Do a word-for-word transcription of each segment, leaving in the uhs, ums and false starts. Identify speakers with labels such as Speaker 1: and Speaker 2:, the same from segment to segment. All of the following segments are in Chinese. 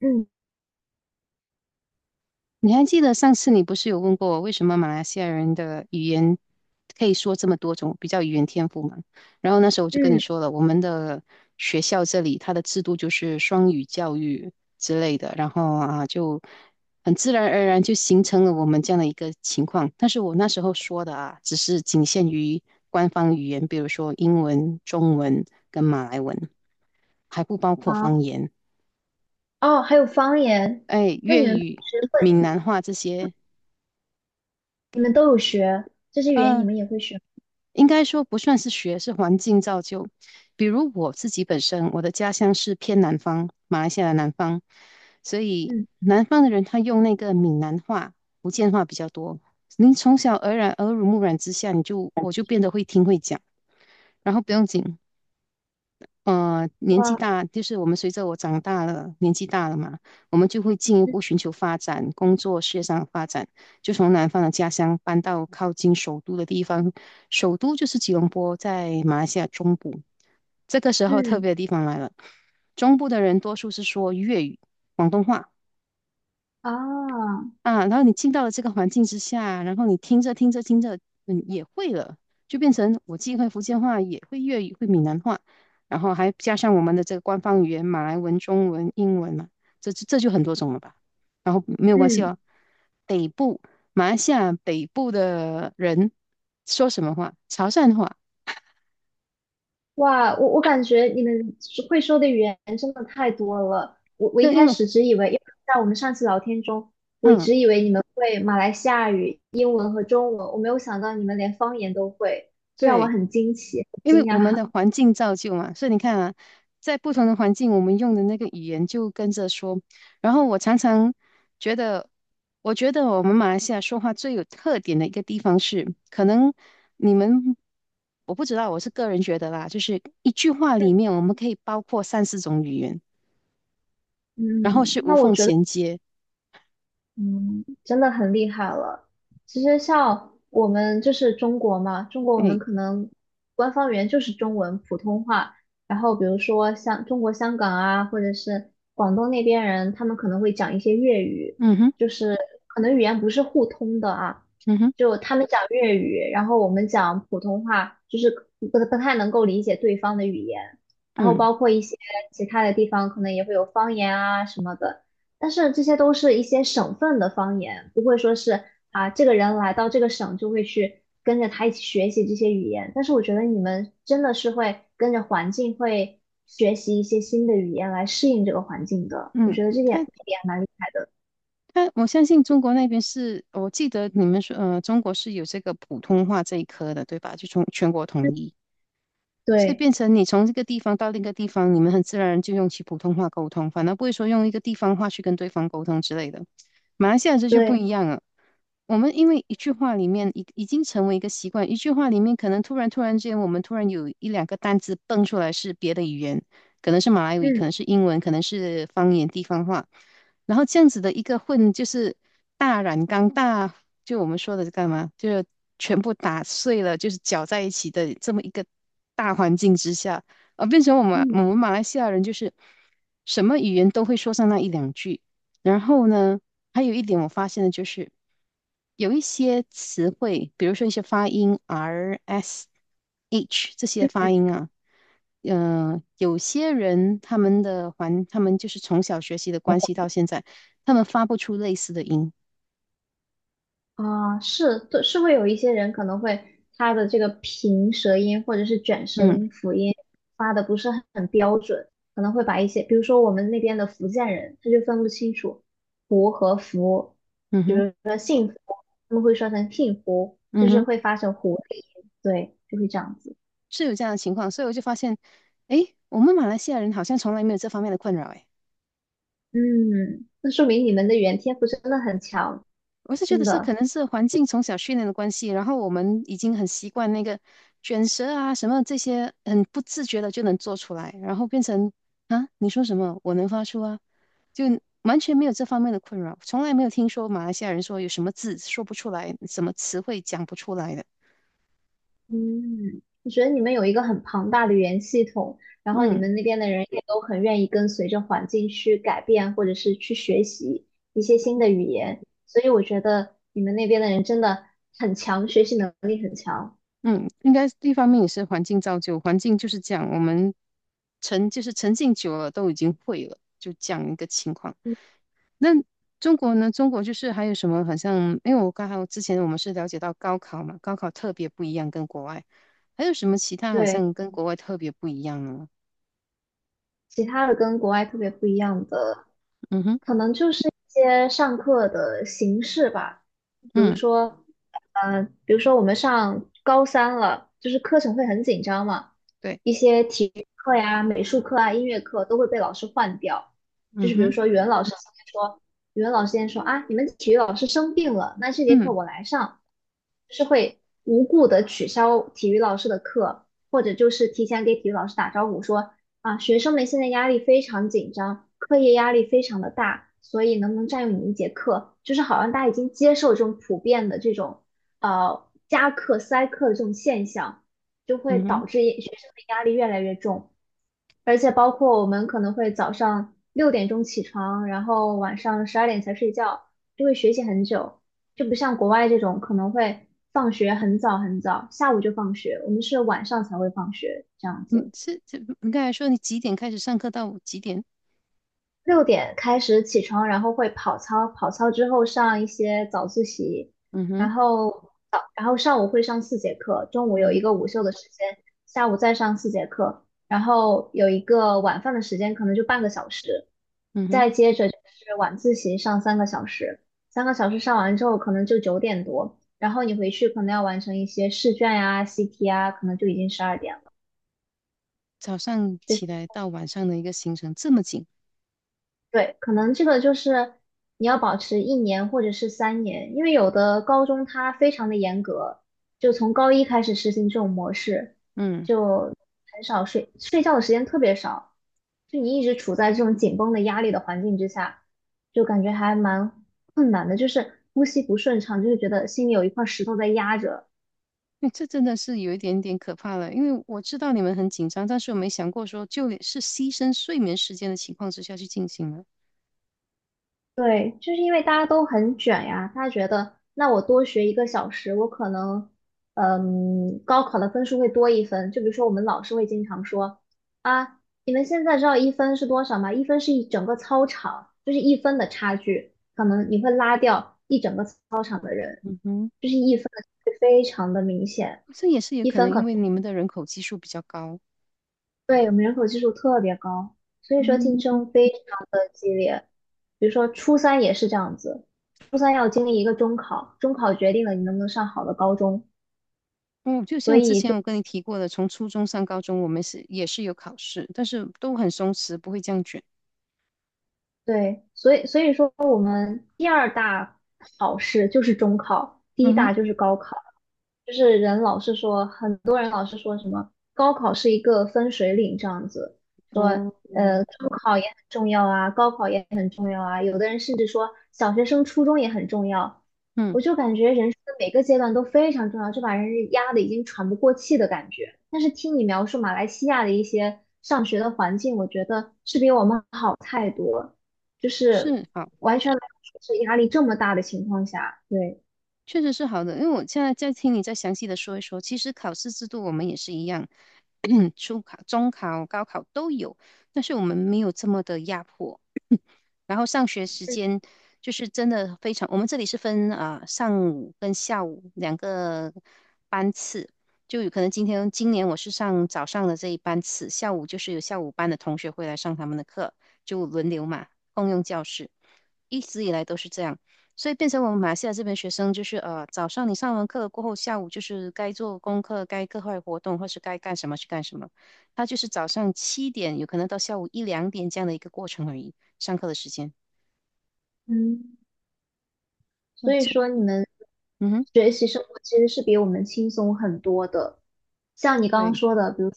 Speaker 1: 嗯
Speaker 2: 你还记得上次你不是有问过我，为什么马来西亚人的语言可以说这么多种，比较语言天赋嘛？然后那时候我就跟你
Speaker 1: 嗯，
Speaker 2: 说了，我们的学校这里它的制度就是双语教育之类的，然后啊就很自然而然就形成了我们这样的一个情况。但是我那时候说的啊，只是仅限于官方语言，比如说英文、中文跟马来文，还不包括方
Speaker 1: 好
Speaker 2: 言，
Speaker 1: 哦，还有方言，
Speaker 2: 哎，
Speaker 1: 那你
Speaker 2: 粤
Speaker 1: 们平
Speaker 2: 语、
Speaker 1: 时
Speaker 2: 闽
Speaker 1: 会，
Speaker 2: 南话这些。
Speaker 1: 你们都有学这些语言，你
Speaker 2: 呃，
Speaker 1: 们也会学吗？
Speaker 2: 应该说不算是学，是环境造就。比如我自己本身，我的家乡是偏南方，马来西亚的南方，所以
Speaker 1: 嗯，
Speaker 2: 南方的人他用那个闽南话、福建话比较多。您从小耳染、耳濡目染之下，你就我就变得会听会讲，然后不用紧，呃，年纪
Speaker 1: 哇，
Speaker 2: 大，就是我们随着我长大了，年纪大了嘛，我们就会进一
Speaker 1: 嗯
Speaker 2: 步寻求发展，工作、事业上的发展，就从南方的家乡搬到靠近首都的地方。首都就是吉隆坡，在马来西亚中部。这个时候特
Speaker 1: 嗯
Speaker 2: 别的地方来了，中部的人多数是说粤语、广东话。
Speaker 1: 啊，
Speaker 2: 啊，然后你进到了这个环境之下，然后你听着听着听着，嗯，也会了，就变成我既会福建话，也会粤语，会闽南话，然后还加上我们的这个官方语言马来文、中文、英文嘛，这这就很多种了吧。然后没有关系
Speaker 1: 嗯，
Speaker 2: 哦，北部马来西亚北部的人说什么话？潮汕话，
Speaker 1: 哇，我我感觉你们说会说的语言真的太多了。我我
Speaker 2: 那
Speaker 1: 一
Speaker 2: 因
Speaker 1: 开
Speaker 2: 为
Speaker 1: 始只以为，因为在我们上次聊天中，我一
Speaker 2: 嗯，
Speaker 1: 直以为你们会马来西亚语、英文和中文，我没有想到你们连方言都会，这让我
Speaker 2: 对。
Speaker 1: 很惊奇，很
Speaker 2: 因为
Speaker 1: 惊
Speaker 2: 我们
Speaker 1: 讶。
Speaker 2: 的环境造就嘛，所以你看啊，在不同的环境，我们用的那个语言就跟着说。然后我常常觉得，我觉得我们马来西亚说话最有特点的一个地方是，可能你们我不知道，我是个人觉得啦，就是一句话里面我们可以包括三四种语言，然
Speaker 1: 嗯，
Speaker 2: 后是无
Speaker 1: 那我
Speaker 2: 缝
Speaker 1: 觉得。
Speaker 2: 衔接。
Speaker 1: 嗯，真的很厉害了。其实像我们就是中国嘛，中国我
Speaker 2: 哎，
Speaker 1: 们可能官方语言就是中文普通话，然后比如说像中国香港啊，或者是广东那边人，他们可能会讲一些粤语，
Speaker 2: 嗯哼，
Speaker 1: 就是可能语言不是互通的啊，
Speaker 2: 嗯哼，
Speaker 1: 就他们讲粤语，然后我们讲普通话，就是不不太能够理解对方的语言，然后
Speaker 2: 嗯
Speaker 1: 包括一些其他的地方可能也会有方言啊什么的。但是这些都是一些省份的方言，不会说是啊，这个人来到这个省就会去跟着他一起学习这些语言。但是我觉得你们真的是会跟着环境会学习一些新的语言来适应这个环境的，我
Speaker 2: 嗯，
Speaker 1: 觉得这点
Speaker 2: 它
Speaker 1: 这点还蛮厉害的。
Speaker 2: 他我相信中国那边是，我记得你们说，呃，中国是有这个普通话这一科的，对吧？就从全国统一，所以
Speaker 1: 对
Speaker 2: 变成你从这个地方到另一个地方，你们很自然就用起普通话沟通，反而不会说用一个地方话去跟对方沟通之类的。马来西亚这就不
Speaker 1: 对，
Speaker 2: 一样了，我们因为一句话里面已已经成为一个习惯，一句话里面可能突然突然之间，我们突然有一两个单字蹦出来是别的语言，可能是马来语，
Speaker 1: 嗯
Speaker 2: 可能是英文，可能是方言地方话。然后这样子的一个混就是大染缸大，就我们说的干嘛，就是全部打碎了，就是搅在一起的这么一个大环境之下，啊，变成我们我
Speaker 1: 嗯。
Speaker 2: 们马来西亚人就是什么语言都会说上那一两句。然后呢，还有一点我发现的就是，有一些词汇，比如说一些发音 R、S、H 这些发音啊，嗯、呃有些人他们的环，他们就是从小学习的关系到现在，他们发不出类似的音。
Speaker 1: 啊，是，对，是会有一些人可能会他的这个平舌音或者是卷舌
Speaker 2: 嗯
Speaker 1: 音、辅音发的不是很很标准，可能会把一些，比如说我们那边的福建人，他就分不清楚胡和福，
Speaker 2: 嗯
Speaker 1: 就
Speaker 2: 哼
Speaker 1: 是他们会说成听胡，就
Speaker 2: 嗯
Speaker 1: 是
Speaker 2: 哼，
Speaker 1: 会发成胡，对，就会这样子。
Speaker 2: 是有这样的情况，所以我就发现，诶，我们马来西亚人好像从来没有这方面的困扰。诶。
Speaker 1: 嗯，那说明你们的语言天赋真的很强，
Speaker 2: 我是觉得
Speaker 1: 真
Speaker 2: 是可
Speaker 1: 的。
Speaker 2: 能是环境从小训练的关系，然后我们已经很习惯那个卷舌啊什么这些，很不自觉的就能做出来，然后变成啊你说什么我能发出啊，就完全没有这方面的困扰，从来没有听说马来西亚人说有什么字说不出来，什么词汇讲不出来的。
Speaker 1: 嗯，我觉得你们有一个很庞大的语言系统，然后你
Speaker 2: 嗯
Speaker 1: 们那边的人也都很愿意跟随着环境去改变，或者是去学习一些新的语言，所以我觉得你们那边的人真的很强，学习能力很强。
Speaker 2: 嗯，应该一方面也是环境造就，环境就是这样，我们沉就是沉浸久了都已经会了，就这样一个情况。
Speaker 1: 嗯，
Speaker 2: 那中国呢？中国就是还有什么？好像因为我刚好之前我们是了解到高考嘛，高考特别不一样，跟国外还有什么其他好
Speaker 1: 对。
Speaker 2: 像跟国外特别不一样呢？
Speaker 1: 其他的跟国外特别不一样的，
Speaker 2: 嗯哼，
Speaker 1: 可能就是一些上课的形式吧。比如
Speaker 2: 嗯，
Speaker 1: 说，呃，比如说我们上高三了，就是课程会很紧张嘛，
Speaker 2: 对，
Speaker 1: 一些体育课呀、美术课啊、音乐课都会被老师换掉。就
Speaker 2: 嗯
Speaker 1: 是比如说，
Speaker 2: 哼，
Speaker 1: 语文老师今天说，语文老师今天说啊，你们体育老师生病了，那这节课
Speaker 2: 嗯
Speaker 1: 我来上，就是会无故的取消体育老师的课。或者就是提前给体育老师打招呼说，啊，学生们现在压力非常紧张，课业压力非常的大，所以能不能占用你一节课，就是好像大家已经接受这种普遍的这种呃加课塞课的这种现象，就会
Speaker 2: 嗯哼，
Speaker 1: 导致也学生的压力越来越重。而且包括我们可能会早上六点钟起床，然后晚上十二点才睡觉，就会学习很久，就不像国外这种可能会放学很早很早，下午就放学，我们是晚上才会放学这样
Speaker 2: 你
Speaker 1: 子。
Speaker 2: 是这你刚才说你几点开始上课到几点？
Speaker 1: 六点开始起床，然后会跑操，跑操之后上一些早自习，
Speaker 2: 嗯哼，
Speaker 1: 然后早，然后上午会上四节课，中午有
Speaker 2: 嗯
Speaker 1: 一个
Speaker 2: 哼，
Speaker 1: 午休的时间，下午再上四节课，然后有一个晚饭的时间，可能就半个小时，
Speaker 2: 嗯哼，
Speaker 1: 再接着就是晚自习上三个小时，三个小时上完之后可能就九点多，然后你回去可能要完成一些试卷呀、习题啊，可能就已经十二点了。
Speaker 2: 早上起来到晚上的一个行程这么紧，
Speaker 1: 对，可能这个就是你要保持一年或者是三年，因为有的高中它非常的严格，就从高一开始实行这种模式，
Speaker 2: 嗯。
Speaker 1: 就很少睡，睡觉的时间特别少，就你一直处在这种紧绷的压力的环境之下，就感觉还蛮困难的，就是呼吸不顺畅，就是觉得心里有一块石头在压着。
Speaker 2: 嗯，这真的是有一点点可怕了，因为我知道你们很紧张，但是我没想过说，就连是牺牲睡眠时间的情况之下去进行了。
Speaker 1: 对，就是因为大家都很卷呀，大家觉得那我多学一个小时，我可能，嗯，高考的分数会多一分。就比如说我们老师会经常说，啊，你们现在知道一分是多少吗？一分是一整个操场，就是一分的差距，可能你会拉掉一整个操场的人，
Speaker 2: 嗯哼，
Speaker 1: 就是一分的差距非常的明显，
Speaker 2: 这也是有
Speaker 1: 一
Speaker 2: 可
Speaker 1: 分
Speaker 2: 能
Speaker 1: 可
Speaker 2: 因为你们的人口基数比较高。
Speaker 1: 对，我们人口基数特别高，所以说
Speaker 2: 嗯
Speaker 1: 竞争非常的激烈。比如说初三也是这样子，初三要经历一个中考，中考决定了你能不能上好的高中，
Speaker 2: 嗯，就
Speaker 1: 所
Speaker 2: 像之
Speaker 1: 以
Speaker 2: 前
Speaker 1: 就
Speaker 2: 我跟你提过的，从初中上高中，我们是也是有考试，但是都很松弛，不会这样卷。
Speaker 1: 对，所以所以说我们第二大考试就是中考，第一
Speaker 2: 嗯哼，
Speaker 1: 大就是高考。就是人老是说，很多人老是说什么高考是一个分水岭这样子，说
Speaker 2: 哦，
Speaker 1: 呃
Speaker 2: 嗯
Speaker 1: 中考也很重要啊，高考也很重要啊，有的人甚至说小学生、初中也很重要。
Speaker 2: 嗯，
Speaker 1: 我就感觉人生的每个阶段都非常重要，就把人压得已经喘不过气的感觉。但是听你描述马来西亚的一些上学的环境，我觉得是比我们好太多，就是
Speaker 2: 是好。
Speaker 1: 完全没有说是压力这么大的情况下，对，
Speaker 2: 确实是好的，因为我现在在听你再详细的说一说，其实考试制度我们也是一样，初考、中考、高考都有，但是我们没有这么的压迫。然后上学时间就是真的非常，我们这里是分啊、呃上午跟下午两个班次，就有可能今天今年我是上早上的这一班次，下午就是有下午班的同学会来上他们的课，就轮流嘛，共用教室，一直以来都是这样，所以变成我们马来西亚这边学生就是呃早上你上完课过后，下午就是该做功课、该课外活动或是该干什么去干什么，他就是早上七点有可能到下午一两点这样的一个过程而已。上课的时间。
Speaker 1: 嗯。所
Speaker 2: 哦，
Speaker 1: 以
Speaker 2: 这，
Speaker 1: 说，你们
Speaker 2: 嗯哼，
Speaker 1: 学习生活其实是比我们轻松很多的。像你刚刚
Speaker 2: 对
Speaker 1: 说的，比如说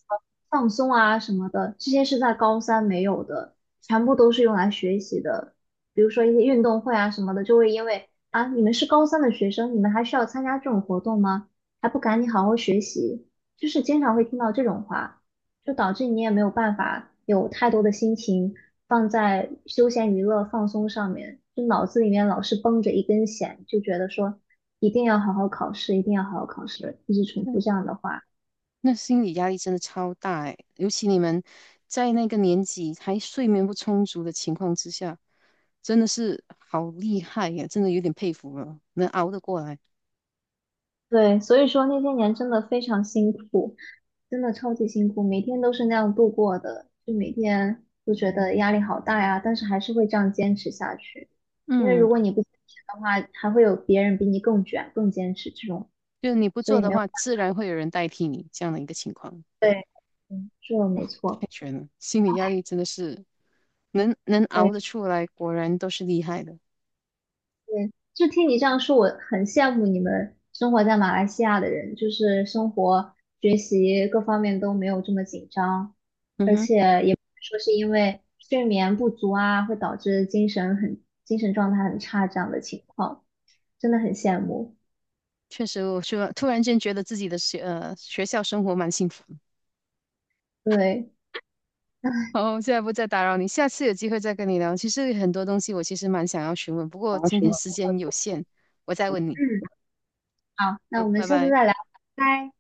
Speaker 1: 放松啊什么的，这些是在高三没有的，全部都是用来学习的。比如说一些运动会啊什么的，就会因为啊，你们是高三的学生，你们还需要参加这种活动吗？还不赶紧好好学习，就是经常会听到这种话。就导致你也没有办法有太多的心情放在休闲娱乐放松上面，就脑子里面老是绷着一根弦，就觉得说一定要好好考试，一定要好好考试，一直重复
Speaker 2: 对，
Speaker 1: 这样的话。
Speaker 2: 那心理压力真的超大哎，尤其你们在那个年纪还睡眠不充足的情况之下，真的是好厉害呀，真的有点佩服了，能熬得过来。
Speaker 1: 对，所以说那些年真的非常辛苦，真的超级辛苦，每天都是那样度过的，就每天都觉得压力好大呀，但是还是会这样坚持下去，因为
Speaker 2: 嗯，
Speaker 1: 如果你不坚持的话，还会有别人比你更卷、更坚持这种，
Speaker 2: 就是你不
Speaker 1: 所
Speaker 2: 做
Speaker 1: 以
Speaker 2: 的
Speaker 1: 没有。
Speaker 2: 话，自然会有人代替你这样的一个情况，
Speaker 1: 对，嗯，是的，没
Speaker 2: 太
Speaker 1: 错，
Speaker 2: 悬了，心理压力真的是能能
Speaker 1: 对
Speaker 2: 熬得出来，果然都是厉害的。
Speaker 1: 对，就听你这样说，我很羡慕你们生活在马来西亚的人，就是生活、学习各方面都没有这么紧张，
Speaker 2: 嗯
Speaker 1: 而
Speaker 2: 哼，
Speaker 1: 且也不会说是因为睡眠不足啊，会导致精神很精神状态很差这样的情况，真的很羡慕。
Speaker 2: 确实，我说突然间觉得自己的学呃学校生活蛮幸福
Speaker 1: 对，然
Speaker 2: 哦，现在不再打扰你，下次有机会再跟你聊。其实很多东西我其实蛮想要询问，不过
Speaker 1: 好
Speaker 2: 今
Speaker 1: 什
Speaker 2: 天
Speaker 1: 么？
Speaker 2: 时间有限，我再问你。
Speaker 1: 嗯，好，那我
Speaker 2: 嗯，
Speaker 1: 们
Speaker 2: 拜
Speaker 1: 下次
Speaker 2: 拜。
Speaker 1: 再聊，拜拜。